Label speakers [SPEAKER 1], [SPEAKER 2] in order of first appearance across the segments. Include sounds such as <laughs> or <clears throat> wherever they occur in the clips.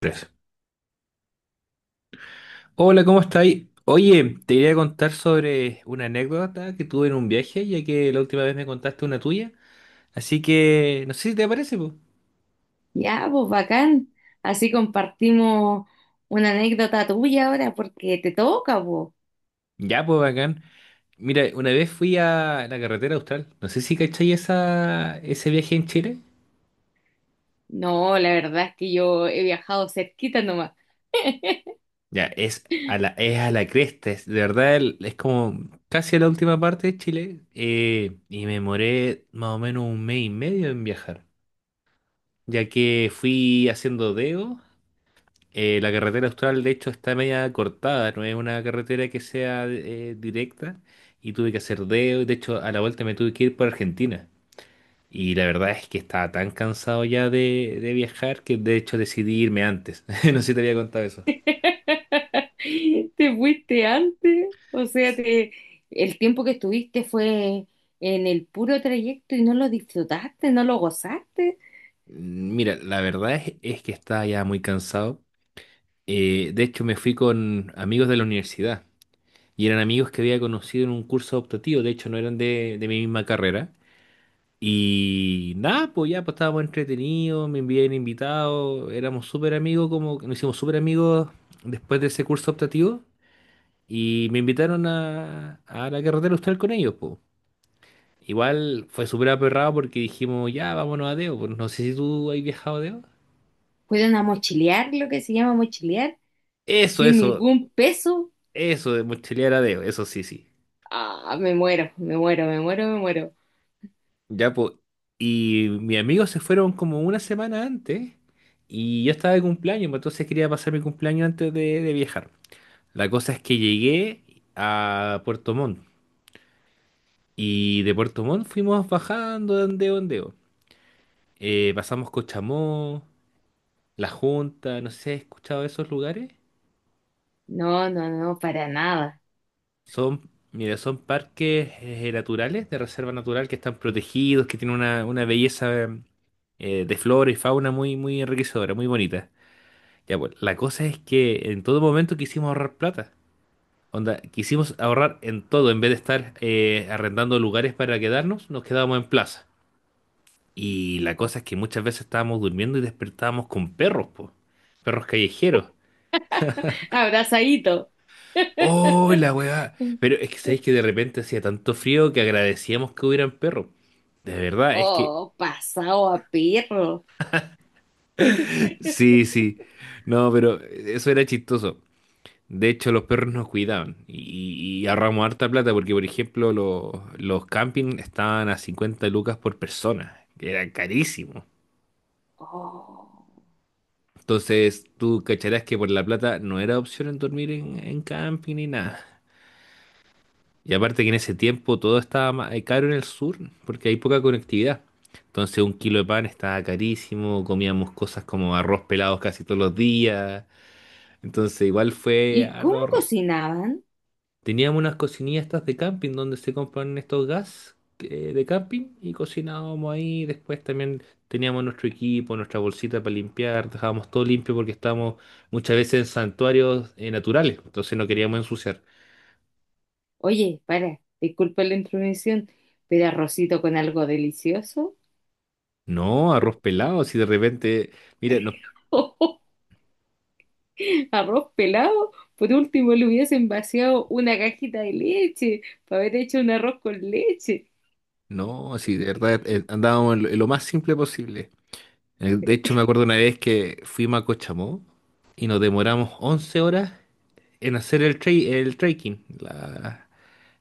[SPEAKER 1] Tres. Hola, ¿cómo estáis? Oye, te quería contar sobre una anécdota que tuve en un viaje, ya que la última vez me contaste una tuya. Así que, no sé si te parece, pues.
[SPEAKER 2] Ya, pues bacán. Así compartimos una anécdota tuya ahora porque te toca, pues.
[SPEAKER 1] Ya, pues, bacán. Mira, una vez fui a la carretera austral. No sé si cacháis ese viaje en Chile.
[SPEAKER 2] No, la verdad es que yo he viajado cerquita nomás.
[SPEAKER 1] Ya, es a la cresta. Es, de verdad, es como casi a la última parte de Chile. Y me demoré más o menos un mes y medio en viajar, ya que fui haciendo dedo. La carretera austral, de hecho, está media cortada, no es una carretera que sea directa, y tuve que hacer dedo. De hecho, a la vuelta me tuve que ir por Argentina. Y la verdad es que estaba tan cansado ya de viajar que de hecho decidí irme antes. <laughs> No sé si te había contado eso.
[SPEAKER 2] <laughs> Te fuiste antes, o sea, te... el tiempo que estuviste fue en el puro trayecto y no lo disfrutaste, no lo gozaste.
[SPEAKER 1] Mira, la verdad es que estaba ya muy cansado. De hecho, me fui con amigos de la universidad y eran amigos que había conocido en un curso optativo. De hecho, no eran de mi misma carrera. Y nada, pues ya pues estábamos entretenidos, me enviaban invitados, éramos súper amigos, como que nos hicimos súper amigos después de ese curso optativo. Y me invitaron a la carretera austral con ellos, pues. Igual fue súper aperrado porque dijimos, ya, vámonos a Deo, pues no sé si tú has viajado a Deo.
[SPEAKER 2] Fueron a mochilear, lo que se llama mochilear,
[SPEAKER 1] Eso,
[SPEAKER 2] sin
[SPEAKER 1] eso,
[SPEAKER 2] ningún peso.
[SPEAKER 1] eso de mochilear a Deo, eso sí, sí.
[SPEAKER 2] Ah, me muero, me muero, me muero, me muero.
[SPEAKER 1] Ya, pues. Y mis amigos se fueron como una semana antes y yo estaba de cumpleaños, pues, entonces quería pasar mi cumpleaños antes de viajar. La cosa es que llegué a Puerto Montt y de Puerto Montt fuimos bajando de ondeo a ondeo. Pasamos Cochamó, La Junta, no sé si has escuchado de esos lugares.
[SPEAKER 2] No, no, no, para nada.
[SPEAKER 1] Son, mira, son parques naturales, de reserva natural, que están protegidos, que tienen una belleza de flora y fauna muy, muy enriquecedora, muy bonita. Ya, pues, la cosa es que en todo momento quisimos ahorrar plata. Onda, quisimos ahorrar en todo, en vez de estar arrendando lugares para quedarnos, nos quedábamos en plaza. Y la cosa es que muchas veces estábamos durmiendo y despertábamos con perros, po. Perros callejeros.
[SPEAKER 2] Abrazadito.
[SPEAKER 1] ¡Oh, la weá! Pero es que sabéis que de repente hacía tanto frío que agradecíamos que hubieran perros. De verdad, es que.
[SPEAKER 2] Oh, pasado a perro.
[SPEAKER 1] <laughs> Sí,
[SPEAKER 2] <laughs>
[SPEAKER 1] sí. No, pero eso era chistoso. De hecho, los perros nos cuidaban y ahorramos harta plata porque, por ejemplo, los campings estaban a 50 lucas por persona, que era carísimo.
[SPEAKER 2] Oh.
[SPEAKER 1] Entonces, tú cacharás que por la plata no era opción en dormir en camping ni nada. Y aparte que en ese tiempo todo estaba caro en el sur, porque hay poca conectividad. Entonces un kilo de pan estaba carísimo, comíamos cosas como arroz pelados casi todos los días. Entonces igual fue
[SPEAKER 2] ¿Y
[SPEAKER 1] harto
[SPEAKER 2] cómo
[SPEAKER 1] ahorro.
[SPEAKER 2] cocinaban?
[SPEAKER 1] Teníamos unas cocinillas estas de camping donde se compran estos gas de camping y cocinábamos ahí. Después también teníamos nuestro equipo, nuestra bolsita para limpiar, dejábamos todo limpio porque estábamos muchas veces en santuarios naturales, entonces no queríamos ensuciar.
[SPEAKER 2] Oye, para, disculpa la intromisión, pero arrocito con algo delicioso.
[SPEAKER 1] No, arroz pelado, si de repente... Mira, nos...
[SPEAKER 2] <laughs> Arroz pelado. Por último, le hubiesen vaciado una cajita de leche para haber hecho un arroz con leche.
[SPEAKER 1] No, sí, de verdad, andábamos en lo más simple posible. De hecho me acuerdo una vez que fuimos a Cochamó y nos demoramos 11 horas en hacer el trekking, la,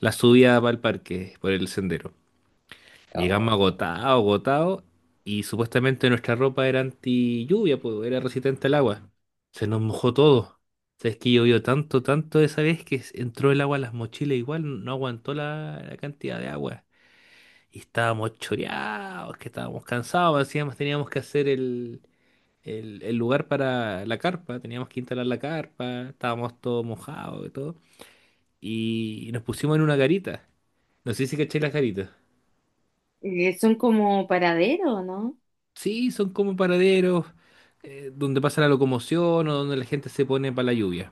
[SPEAKER 1] la subida para el parque, por el sendero. Llegamos
[SPEAKER 2] Oh.
[SPEAKER 1] agotados, agotados, y supuestamente nuestra ropa era anti lluvia, pues era resistente al agua. Se nos mojó todo. O sea, es que llovió tanto, tanto esa vez que s- entró el agua a las mochilas igual, no aguantó la cantidad de agua. Y estábamos choreados, que estábamos cansados, decíamos, teníamos que hacer el lugar para la carpa, teníamos que instalar la carpa, estábamos todos mojados y todo. Y nos pusimos en una garita. No sé si caché las garitas.
[SPEAKER 2] Son como paraderos, ¿no?
[SPEAKER 1] Sí, son como paraderos donde pasa la locomoción o donde la gente se pone para la lluvia.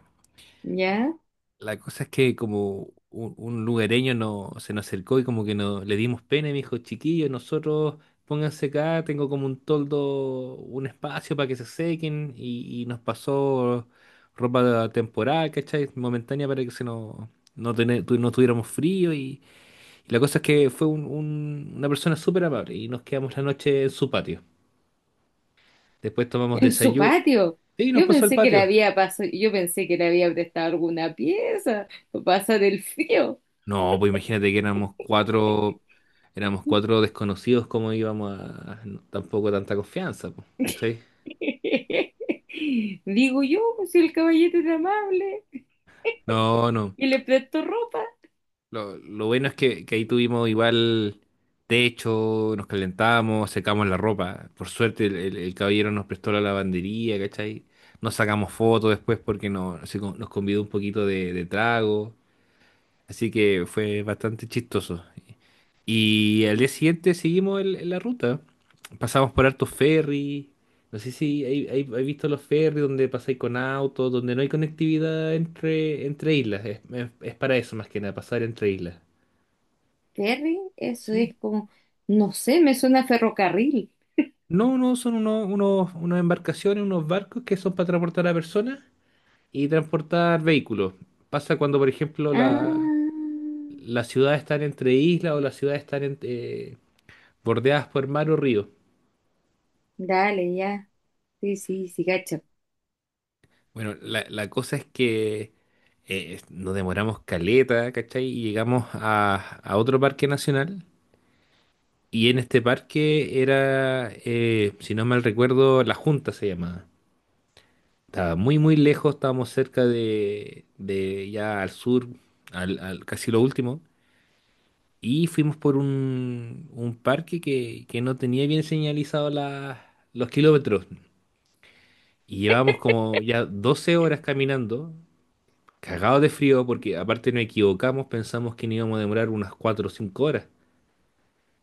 [SPEAKER 2] ¿Ya?
[SPEAKER 1] La cosa es que como un lugareño no, se nos acercó y como que no, le dimos pena y me dijo, chiquillos, nosotros pónganse acá, tengo como un toldo, un espacio para que se sequen, y nos pasó ropa temporal, ¿cachai? Momentánea para que se nos, no, no tuviéramos frío, y la cosa es que fue una persona súper amable y nos quedamos la noche en su patio. Después tomamos
[SPEAKER 2] En su
[SPEAKER 1] desayuno
[SPEAKER 2] patio.
[SPEAKER 1] y nos
[SPEAKER 2] Yo
[SPEAKER 1] pasó al
[SPEAKER 2] pensé que le
[SPEAKER 1] patio.
[SPEAKER 2] había pasado, yo pensé que le había prestado alguna pieza para pasar el frío.
[SPEAKER 1] No, pues imagínate que éramos cuatro desconocidos, ¿cómo íbamos a no, tampoco tanta confianza, pues, ¿cachai?
[SPEAKER 2] <laughs> Digo yo, pues, si el caballete era amable
[SPEAKER 1] No, no.
[SPEAKER 2] y le prestó ropa.
[SPEAKER 1] Lo bueno es que ahí tuvimos igual techo, nos calentamos, secamos la ropa. Por suerte el caballero nos prestó la lavandería, ¿cachai? Nos sacamos fotos después porque no, se con- nos convidó un poquito de trago. Así que fue bastante chistoso. Y al día siguiente seguimos la ruta. Pasamos por hartos ferries. No sé si hay visto los ferries donde pasáis con autos, donde no hay conectividad entre, entre islas. Es para eso más que nada, pasar entre islas.
[SPEAKER 2] Ferry, eso
[SPEAKER 1] Sí.
[SPEAKER 2] es como, no sé, me suena a ferrocarril.
[SPEAKER 1] No, no, son unos, unas embarcaciones, unos barcos que son para transportar a personas y transportar vehículos. Pasa cuando, por ejemplo,
[SPEAKER 2] Ah,
[SPEAKER 1] la, las ciudades están entre islas o las ciudades están bordeadas por mar o río.
[SPEAKER 2] dale, ya. Sí, sí, sí, gacho.
[SPEAKER 1] Bueno, la cosa es que nos demoramos caleta, ¿cachai? Y llegamos a otro parque nacional. Y en este parque era, si no mal recuerdo, La Junta se llamaba. Estaba muy, muy lejos, estábamos cerca de ya al sur, casi lo último. Y fuimos por un parque que no tenía bien señalizado los kilómetros. Y llevábamos como ya 12 horas caminando cagados de frío porque aparte nos equivocamos, pensamos que nos íbamos a demorar unas 4 o 5 horas.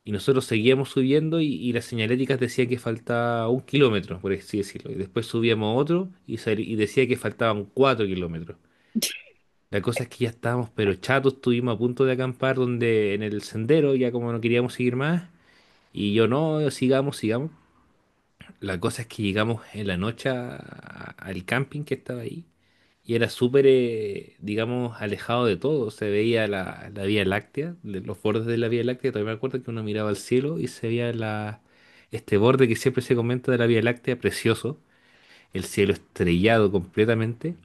[SPEAKER 1] Y nosotros seguíamos subiendo y las señaléticas decía que faltaba 1 kilómetro, por así decirlo. Y después subíamos otro y, sal- y decía que faltaban 4 kilómetros. La cosa es que ya estábamos pero chatos, estuvimos a punto de acampar donde en el sendero, ya como no queríamos seguir más. Y yo no, sigamos, sigamos. La cosa es que llegamos en la noche al camping que estaba ahí y era súper, digamos, alejado de todo. Se veía la Vía Láctea, de los bordes de la Vía Láctea. Todavía me acuerdo que uno miraba al cielo y se veía este borde que siempre se comenta de la Vía Láctea, precioso. El cielo estrellado completamente.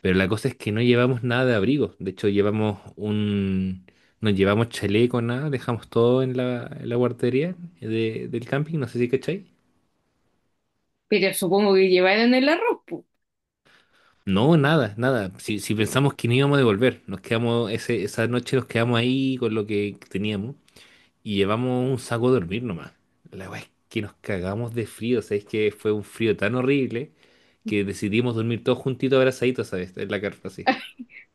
[SPEAKER 1] Pero la cosa es que no llevamos nada de abrigo. De hecho, llevamos un... No llevamos chaleco, nada. Dejamos todo en la guardería del camping, no sé si cachai.
[SPEAKER 2] Pero supongo que llevaron el arroz, po.
[SPEAKER 1] No, nada, nada. Si pensamos que no íbamos a devolver, nos quedamos, esa noche nos quedamos ahí con lo que teníamos y llevamos un saco de dormir nomás. La weá es que nos cagamos de frío, ¿sabes? Que fue un frío tan horrible que decidimos dormir todos juntitos abrazaditos, ¿sabes? En la carpa, así.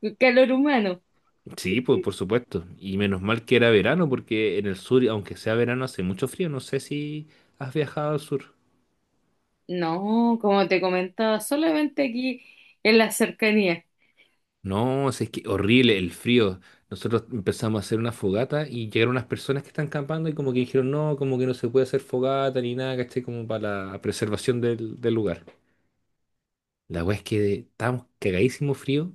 [SPEAKER 2] El calor humano.
[SPEAKER 1] Sí, pues por supuesto. Y menos mal que era verano, porque en el sur, aunque sea verano, hace mucho frío. No sé si has viajado al sur.
[SPEAKER 2] No, como te comentaba, solamente aquí en la cercanía.
[SPEAKER 1] No, si es que horrible el frío. Nosotros empezamos a hacer una fogata y llegaron unas personas que están campando y como que dijeron, no, como que no se puede hacer fogata ni nada, ¿cachai? Como para la preservación del lugar. La weá es que estábamos cagadísimo frío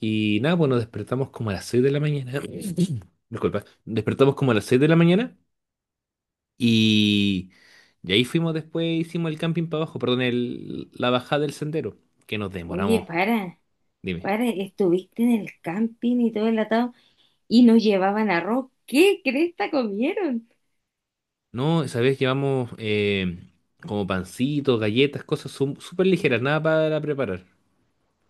[SPEAKER 1] y nada, pues nos despertamos como a las 6 de la mañana. <coughs> <clears throat> Disculpa, despertamos como a las 6 de la mañana, y, y ahí fuimos después, hicimos el camping para abajo, perdón, el, la bajada del sendero, que nos
[SPEAKER 2] Oye,
[SPEAKER 1] demoramos, dime.
[SPEAKER 2] para, estuviste en el camping y todo el atado y no llevaban arroz. ¿Qué cresta comieron?
[SPEAKER 1] No, sabés que vamos como pancitos, galletas, cosas su- súper ligeras, nada para preparar.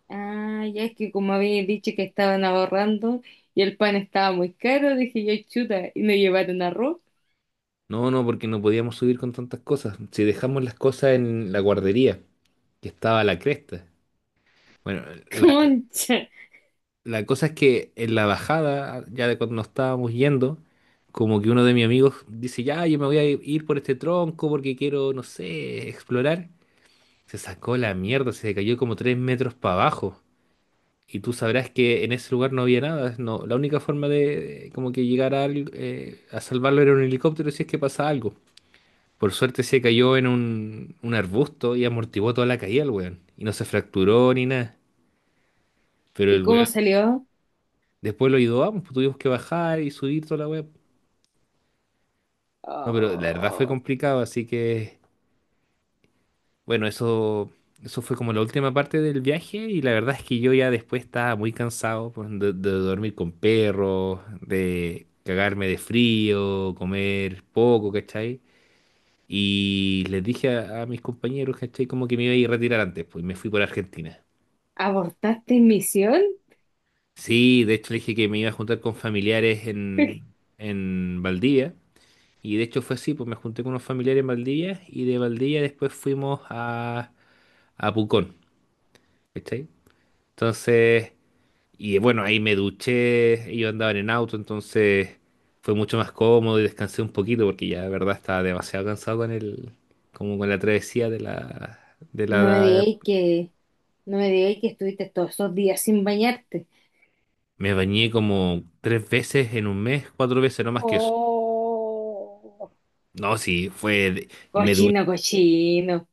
[SPEAKER 2] Ah, ya es que como había dicho que estaban ahorrando y el pan estaba muy caro, dije yo, chuta, y no llevaron arroz.
[SPEAKER 1] No, no, porque no podíamos subir con tantas cosas. Si dejamos las cosas en la guardería, que estaba a la cresta. Bueno,
[SPEAKER 2] <laughs>
[SPEAKER 1] la,
[SPEAKER 2] Concha.
[SPEAKER 1] la cosa es que en la bajada, ya de cuando nos estábamos yendo, como que uno de mis amigos dice, ya, yo me voy a ir por este tronco porque quiero, no sé, explorar. Se sacó la mierda, se cayó como 3 metros para abajo. Y tú sabrás que en ese lugar no había nada. No, la única forma de como que llegar a, a salvarlo era un helicóptero si es que pasa algo. Por suerte se cayó en un arbusto y amortiguó toda la caída el weón. Y no se fracturó ni nada. Pero
[SPEAKER 2] ¿Y
[SPEAKER 1] el
[SPEAKER 2] cómo
[SPEAKER 1] weón
[SPEAKER 2] salió?
[SPEAKER 1] después lo ayudó, ah, pues, tuvimos que bajar y subir toda la weón. No, pero la verdad fue
[SPEAKER 2] Oh,
[SPEAKER 1] complicado, así que... Bueno, eso fue como la última parte del viaje y la verdad es que yo ya después estaba muy cansado de dormir con perros, de cagarme de frío, comer poco, ¿cachai? Y les dije a mis compañeros, ¿cachai? Como que me iba a ir a retirar antes, pues, y me fui por Argentina.
[SPEAKER 2] ¿abortaste misión?
[SPEAKER 1] Sí, de hecho le dije que me iba a juntar con familiares en,
[SPEAKER 2] <laughs>
[SPEAKER 1] en Valdivia y de hecho fue así, pues me junté con unos familiares en Valdivia y de Valdivia después fuimos a Pucón, ¿cachai? Entonces... Y bueno, ahí me duché, yo andaba en el auto, entonces fue mucho más cómodo y descansé un poquito porque ya de verdad estaba demasiado cansado con el, como con la travesía de
[SPEAKER 2] No me
[SPEAKER 1] la...
[SPEAKER 2] digáis que, no me digáis que estuviste todos esos días sin bañarte.
[SPEAKER 1] Me bañé como 3 veces en un mes, 4 veces, no más que eso.
[SPEAKER 2] Oh,
[SPEAKER 1] No, sí, fue... de- Me duché.
[SPEAKER 2] cochino, cochino.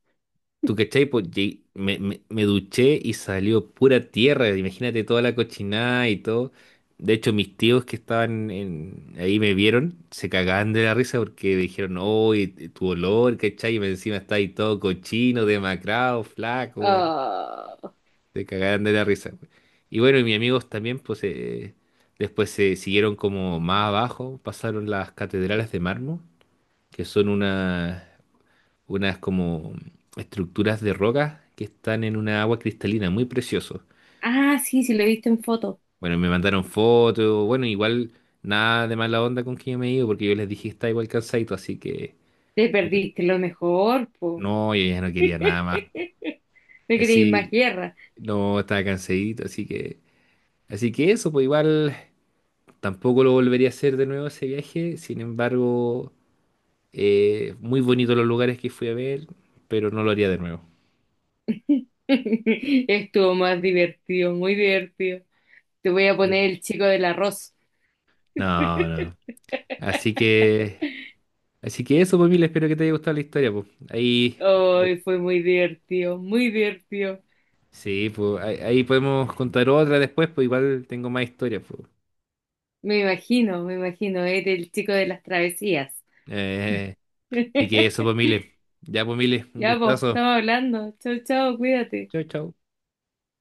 [SPEAKER 1] ¿Tú cachai? Pues ye- me duché y salió pura tierra. Imagínate toda la cochinada y todo. De hecho, mis tíos que estaban ahí me vieron, se cagaban de la risa porque me dijeron, oh, tu olor, ¿cachai? Y encima está ahí todo cochino, demacrado, flaco, güey.
[SPEAKER 2] Oh.
[SPEAKER 1] Se cagaban de la risa, güey. Y bueno, y mis amigos también, pues, después se siguieron como más abajo, pasaron las catedrales de mármol, que son unas unas como estructuras de rocas que están en una agua cristalina, muy precioso.
[SPEAKER 2] Ah, sí, sí, lo he visto en foto.
[SPEAKER 1] Bueno, me mandaron fotos, bueno, igual nada de mala onda con que yo me he ido porque yo les dije que estaba igual cansadito, así que
[SPEAKER 2] Te
[SPEAKER 1] yo-
[SPEAKER 2] perdiste lo mejor, po.
[SPEAKER 1] no, yo ya no quería nada más.
[SPEAKER 2] <laughs> Me creí más
[SPEAKER 1] Así,
[SPEAKER 2] guerra.
[SPEAKER 1] no, estaba cansadito, así que eso, pues, igual tampoco lo volvería a hacer de nuevo ese viaje, sin embargo, muy bonitos los lugares que fui a ver, pero no lo haría de nuevo.
[SPEAKER 2] <laughs> Estuvo más divertido, muy divertido. Te voy a
[SPEAKER 1] Mm.
[SPEAKER 2] poner el chico del arroz.
[SPEAKER 1] No, no.
[SPEAKER 2] <laughs>
[SPEAKER 1] Así que... así que eso, pues, Mil, espero que te haya gustado la historia, pues. Ahí, de-
[SPEAKER 2] Hoy fue muy divertido, muy divertido.
[SPEAKER 1] sí, pues, ahí, ahí podemos contar otra después, pues igual tengo más historias, pues.
[SPEAKER 2] Me imagino, eres el chico de las travesías.
[SPEAKER 1] Eh, así que eso, pues,
[SPEAKER 2] <laughs>
[SPEAKER 1] Mil. Ya, pues, Mil, un
[SPEAKER 2] Ya vos,
[SPEAKER 1] gustazo.
[SPEAKER 2] estamos hablando. Chau, chau, cuídate.
[SPEAKER 1] Chao, chao.